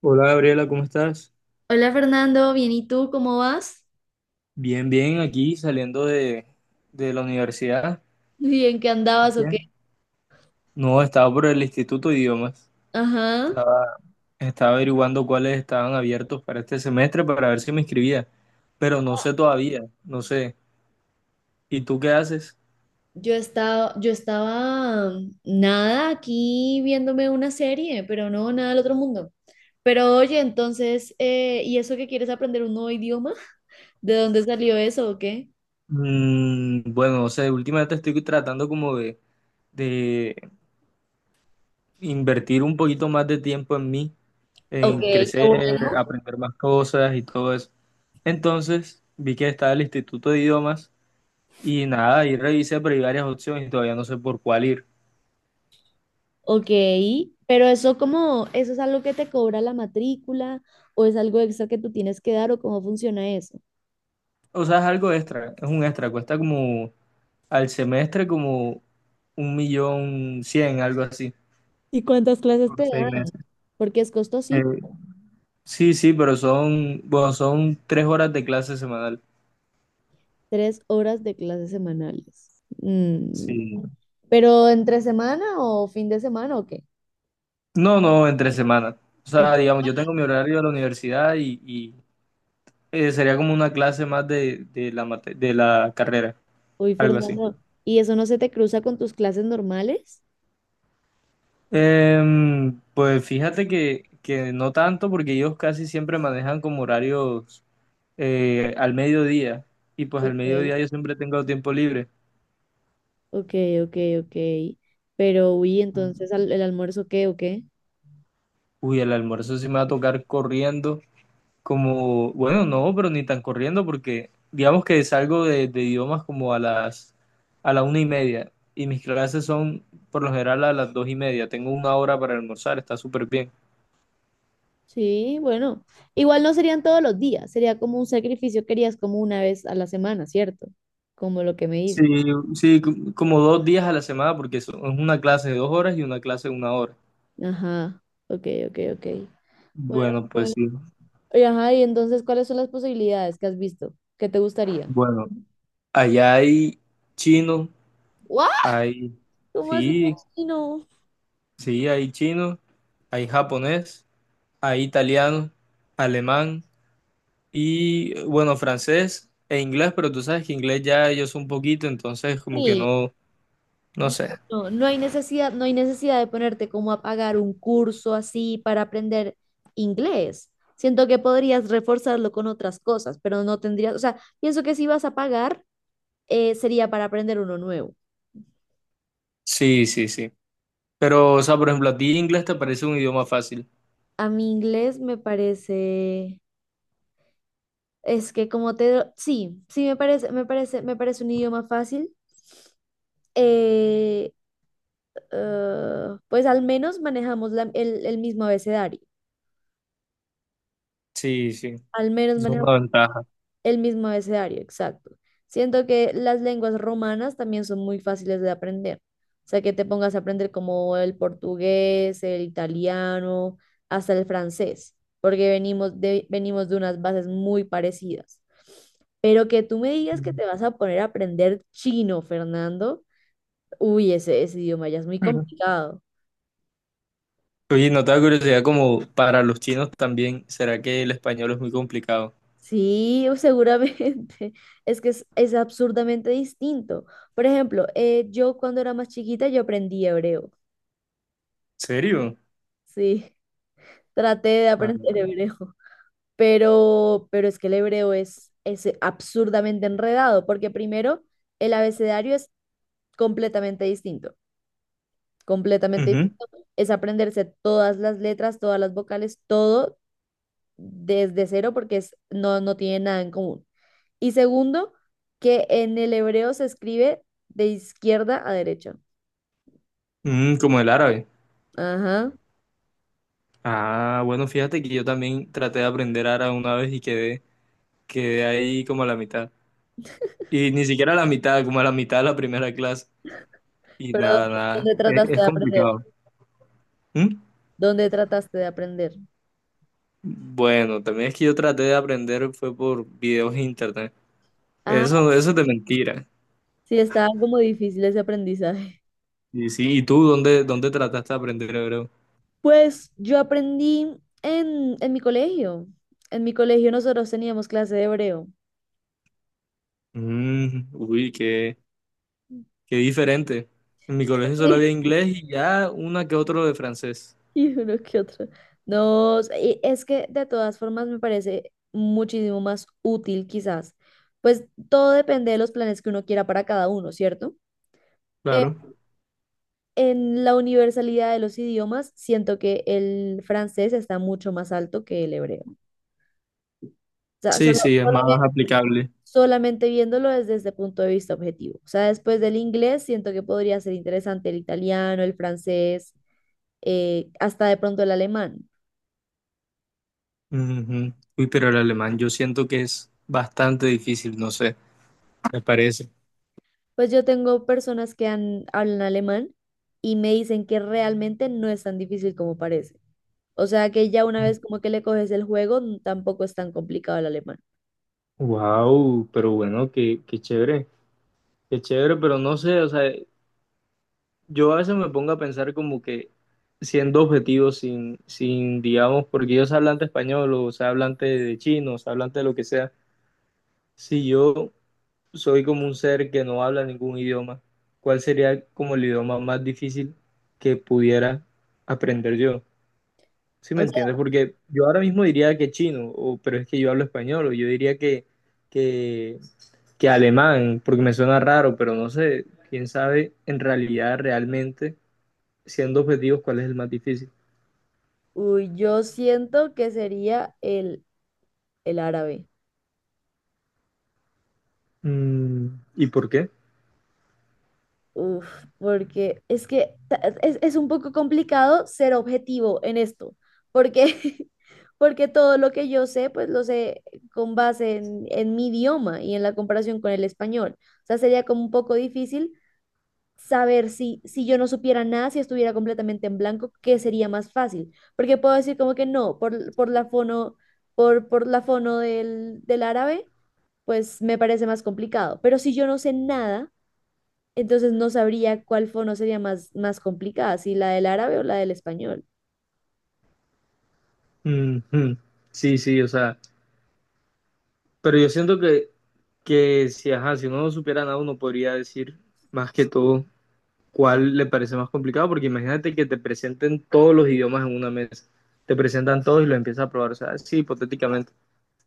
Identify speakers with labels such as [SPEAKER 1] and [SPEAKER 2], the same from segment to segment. [SPEAKER 1] Hola Gabriela, ¿cómo estás?
[SPEAKER 2] Hola Fernando, bien, ¿y tú cómo vas?
[SPEAKER 1] Bien, bien, aquí saliendo de la universidad.
[SPEAKER 2] Bien, ¿qué andabas o qué?
[SPEAKER 1] Bien. No, estaba por el Instituto de Idiomas.
[SPEAKER 2] Ajá.
[SPEAKER 1] Estaba, estaba averiguando cuáles estaban abiertos para este semestre para ver si me inscribía, pero no sé todavía, no sé. ¿Y tú qué haces?
[SPEAKER 2] Yo estaba, nada aquí viéndome una serie, pero no nada del otro mundo. Pero oye, entonces, ¿y eso que quieres aprender un nuevo idioma? ¿De dónde salió eso o qué?
[SPEAKER 1] Bueno, no sé, últimamente estoy tratando como de invertir un poquito más de tiempo en mí,
[SPEAKER 2] Ok,
[SPEAKER 1] en
[SPEAKER 2] qué
[SPEAKER 1] crecer,
[SPEAKER 2] bueno.
[SPEAKER 1] aprender más cosas y todo eso. Entonces, vi que estaba el Instituto de Idiomas. Y nada, ahí revisé, pero hay varias opciones y todavía no sé por cuál ir.
[SPEAKER 2] Ok, pero eso como, ¿eso es algo que te cobra la matrícula o es algo extra que tú tienes que dar o cómo funciona eso?
[SPEAKER 1] O sea, es algo extra, es un extra, cuesta como al semestre como un millón cien, algo así,
[SPEAKER 2] ¿Y cuántas clases
[SPEAKER 1] por
[SPEAKER 2] te
[SPEAKER 1] seis
[SPEAKER 2] dan?
[SPEAKER 1] meses.
[SPEAKER 2] Porque es costosito.
[SPEAKER 1] Eh, sí, sí, pero bueno, son 3 horas de clase semanal.
[SPEAKER 2] Tres horas de clases semanales. Mm,
[SPEAKER 1] Sí.
[SPEAKER 2] ¿pero entre semana o fin de semana o qué?
[SPEAKER 1] No, no, entre semanas. O
[SPEAKER 2] En-
[SPEAKER 1] sea, digamos, yo tengo mi horario de la universidad y sería como una clase más de la carrera,
[SPEAKER 2] Uy,
[SPEAKER 1] algo así.
[SPEAKER 2] Fernando, ¿y eso no se te cruza con tus clases normales?
[SPEAKER 1] Pues fíjate que no tanto porque ellos casi siempre manejan como horarios al mediodía y pues al
[SPEAKER 2] Ok,
[SPEAKER 1] mediodía yo siempre tengo tiempo libre.
[SPEAKER 2] ok, ok, ok. Pero, uy, entonces ¿el almuerzo qué o qué?
[SPEAKER 1] Uy, el almuerzo sí me va a tocar corriendo, como, bueno, no, pero ni tan corriendo porque digamos que salgo de idiomas como a la 1:30 y mis clases son por lo general a las 2:30. Tengo 1 hora para almorzar, está súper bien.
[SPEAKER 2] Sí, bueno, igual no serían todos los días, sería como un sacrificio que harías como una vez a la semana, ¿cierto? Como lo que me
[SPEAKER 1] Sí,
[SPEAKER 2] dices.
[SPEAKER 1] sí, como 2 días a la semana porque es una clase de 2 horas y una clase de 1 hora.
[SPEAKER 2] Ajá, ok, ok, ok. Bueno,
[SPEAKER 1] Bueno, pues
[SPEAKER 2] bueno.
[SPEAKER 1] sí.
[SPEAKER 2] Y, ajá, y entonces, ¿cuáles son las posibilidades que has visto? ¿Qué te gustaría?
[SPEAKER 1] Bueno, allá hay chino,
[SPEAKER 2] ¿What?
[SPEAKER 1] hay,
[SPEAKER 2] ¿Cómo hace
[SPEAKER 1] sí,
[SPEAKER 2] no?
[SPEAKER 1] sí, hay chino, hay japonés, hay italiano, alemán y, bueno, francés e inglés, pero tú sabes que inglés ya yo sé un poquito, entonces como que
[SPEAKER 2] Sí,
[SPEAKER 1] no, no
[SPEAKER 2] no,
[SPEAKER 1] sé.
[SPEAKER 2] no, no hay necesidad, no hay necesidad de ponerte como a pagar un curso así para aprender inglés. Siento que podrías reforzarlo con otras cosas, pero no tendrías, o sea, pienso que si vas a pagar, sería para aprender uno nuevo.
[SPEAKER 1] Sí, sí, sí. Pero, o sea, por ejemplo, a ti inglés te parece un idioma fácil.
[SPEAKER 2] A mi inglés me parece, es que como te, sí, sí me parece, me parece un idioma fácil. Eh, Ah, pues al menos manejamos el mismo abecedario.
[SPEAKER 1] Sí, sí,
[SPEAKER 2] Al menos
[SPEAKER 1] es
[SPEAKER 2] manejamos
[SPEAKER 1] una ventaja.
[SPEAKER 2] el mismo abecedario, exacto. Siento que las lenguas romanas también son muy fáciles de aprender. O sea, que te pongas a aprender como el portugués, el italiano, hasta el francés, porque venimos de unas bases muy parecidas. Pero que tú me digas que te vas a poner a aprender chino, Fernando, uy, ese idioma ya es muy complicado.
[SPEAKER 1] Oye, no te da curiosidad como para los chinos también, ¿será que el español es muy complicado?
[SPEAKER 2] Sí, o seguramente. Es que es absurdamente distinto. Por ejemplo, yo cuando era más chiquita yo aprendí hebreo.
[SPEAKER 1] ¿Serio?
[SPEAKER 2] Sí, traté de aprender
[SPEAKER 1] Ah,
[SPEAKER 2] hebreo. Pero es que el hebreo es absurdamente enredado, porque primero el abecedario es completamente distinto. Completamente
[SPEAKER 1] ujú.
[SPEAKER 2] distinto. Es aprenderse todas las letras, todas las vocales, todo desde cero, porque es, no, no tiene nada en común. Y segundo, que en el hebreo se escribe de izquierda a derecha.
[SPEAKER 1] Como el árabe.
[SPEAKER 2] Ajá.
[SPEAKER 1] Ah, bueno, fíjate que yo también traté de aprender árabe una vez y quedé ahí como a la mitad. Y ni siquiera a la mitad, como a la mitad de la primera clase. Y
[SPEAKER 2] Pero
[SPEAKER 1] nada, nada.
[SPEAKER 2] ¿dónde
[SPEAKER 1] Es,
[SPEAKER 2] trataste
[SPEAKER 1] es
[SPEAKER 2] de aprender?
[SPEAKER 1] complicado. ¿Mm?
[SPEAKER 2] ¿Dónde trataste de aprender?
[SPEAKER 1] Bueno, también es que yo traté de aprender fue por videos en internet.
[SPEAKER 2] Ah,
[SPEAKER 1] Eso es de mentira.
[SPEAKER 2] sí, estaba como difícil ese aprendizaje.
[SPEAKER 1] Y sí, ¿y tú dónde trataste de aprender hebreo?
[SPEAKER 2] Pues yo aprendí en mi colegio. En mi colegio nosotros teníamos clase de hebreo.
[SPEAKER 1] Uy, qué. Qué diferente. En mi colegio solo había inglés y ya una que otro de francés.
[SPEAKER 2] Y uno que otro. No, y es que de todas formas me parece muchísimo más útil quizás. Pues todo depende de los planes que uno quiera para cada uno, ¿cierto? Pero
[SPEAKER 1] Claro.
[SPEAKER 2] en la universalidad de los idiomas, siento que el francés está mucho más alto que el hebreo. O sea,
[SPEAKER 1] Sí, sí, es más aplicable.
[SPEAKER 2] solamente viéndolo desde ese punto de vista objetivo. O sea, después del inglés, siento que podría ser interesante el italiano, el francés, hasta de pronto el alemán.
[SPEAKER 1] Ujú. Uy, pero el alemán yo siento que es bastante difícil, no sé, me parece.
[SPEAKER 2] Pues yo tengo personas que hablan alemán y me dicen que realmente no es tan difícil como parece. O sea, que ya una vez como que le coges el juego, tampoco es tan complicado el alemán.
[SPEAKER 1] Wow, pero bueno, qué chévere, qué chévere, pero no sé, o sea, yo a veces me pongo a pensar como que siendo objetivos, sin, digamos, porque ellos hablan de español o sea, hablan de chino, o sea, hablan de lo que sea, si yo soy como un ser que no habla ningún idioma, ¿cuál sería como el idioma más difícil que pudiera aprender yo? ¿Sí me entiendes? Porque yo ahora mismo diría que chino, o, pero es que yo hablo español, o yo diría que, que alemán, porque me suena raro, pero no sé, quién sabe en realidad, realmente, siendo objetivos, cuál es el más difícil.
[SPEAKER 2] Uy, yo siento que sería el árabe.
[SPEAKER 1] Mm, ¿Y por qué?
[SPEAKER 2] Uf, porque es que es un poco complicado ser objetivo en esto, porque, porque todo lo que yo sé, pues lo sé con base en mi idioma y en la comparación con el español. O sea, sería como un poco difícil saber si, si yo no supiera nada, si estuviera completamente en blanco, qué sería más fácil. Porque puedo decir como que no, por la fono, por la fono del árabe. Pues me parece más complicado. Pero si yo no sé nada, entonces no sabría cuál fono sería más, más complicada, si la del árabe o la del español.
[SPEAKER 1] Mm, mm. Sí, sí, o sea. Pero yo siento que si, ajá, si uno no supiera nada, uno podría decir más que todo cuál le parece más complicado, porque imagínate que te presenten todos los idiomas en una mesa, te presentan todos y los empiezas a probar, o sea, sí, hipotéticamente.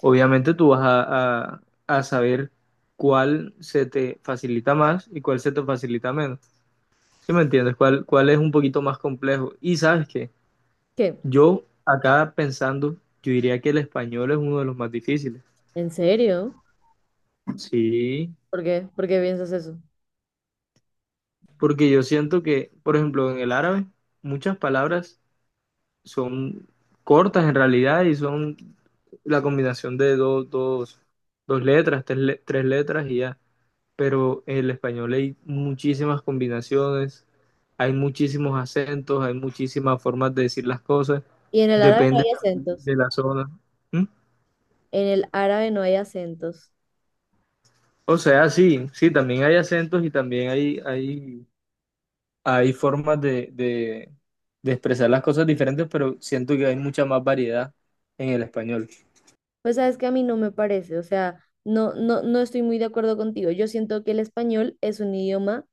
[SPEAKER 1] Obviamente tú vas a saber cuál se te facilita más y cuál se te facilita menos. ¿Sí me entiendes? ¿Cuál es un poquito más complejo? Y sabes que
[SPEAKER 2] ¿Qué?
[SPEAKER 1] yo acá pensando, yo diría que el español es uno de los más difíciles.
[SPEAKER 2] ¿En serio?
[SPEAKER 1] Sí.
[SPEAKER 2] ¿Por qué? ¿Por qué piensas eso?
[SPEAKER 1] Porque yo siento que, por ejemplo, en el árabe, muchas palabras son cortas en realidad y son la combinación de dos letras, tres letras y ya. Pero en el español hay muchísimas combinaciones, hay muchísimos acentos, hay muchísimas formas de decir las cosas,
[SPEAKER 2] Y en el árabe no
[SPEAKER 1] depende
[SPEAKER 2] hay acentos.
[SPEAKER 1] de la zona. ¿Mm?
[SPEAKER 2] En el árabe no hay acentos.
[SPEAKER 1] O sea, sí, sí, también hay acentos y también hay formas de expresar las cosas diferentes, pero siento que hay mucha más variedad en el español.
[SPEAKER 2] Pues sabes que a mí no me parece, o sea, no, no, no estoy muy de acuerdo contigo. Yo siento que el español es un idioma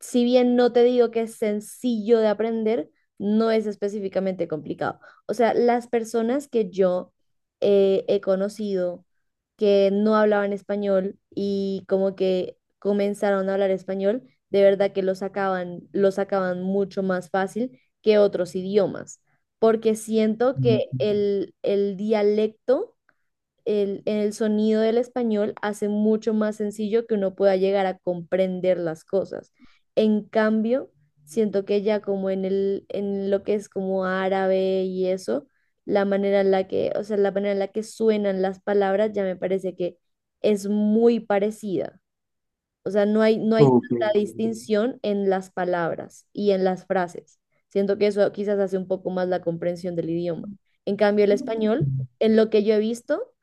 [SPEAKER 2] si bien no te digo que es sencillo de aprender, no es específicamente complicado. O sea, las personas que yo he conocido que no hablaban español y como que comenzaron a hablar español, de verdad que lo sacaban mucho más fácil que otros idiomas, porque siento que
[SPEAKER 1] Mm.
[SPEAKER 2] el dialecto el sonido del español hace mucho más sencillo que uno pueda llegar a comprender las cosas. En cambio, siento que ya como en el, en lo que es como árabe y eso, la manera en la que, o sea, la manera en la que suenan las palabras ya me parece que es muy parecida. O sea, no hay, no hay
[SPEAKER 1] Ok,
[SPEAKER 2] tanta distinción en las palabras y en las frases. Siento que eso quizás hace un poco más la comprensión del idioma. En cambio, el español, en lo que yo he visto,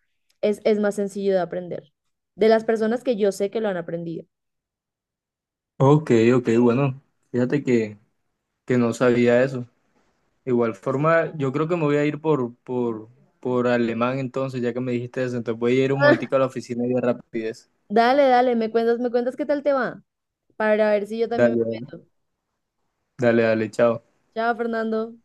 [SPEAKER 2] es más sencillo de aprender. De las personas que yo sé que lo han aprendido.
[SPEAKER 1] ok, ok, ok, bueno, fíjate que no sabía eso. Igual forma, yo creo que me voy a ir por alemán entonces, ya que me dijiste eso, entonces voy a ir un momentico a la oficina y de rapidez.
[SPEAKER 2] Dale, dale, me cuentas qué tal te va, para ver si yo también
[SPEAKER 1] Dale,
[SPEAKER 2] me
[SPEAKER 1] dale,
[SPEAKER 2] meto.
[SPEAKER 1] dale, dale, chao.
[SPEAKER 2] Chao, Fernando.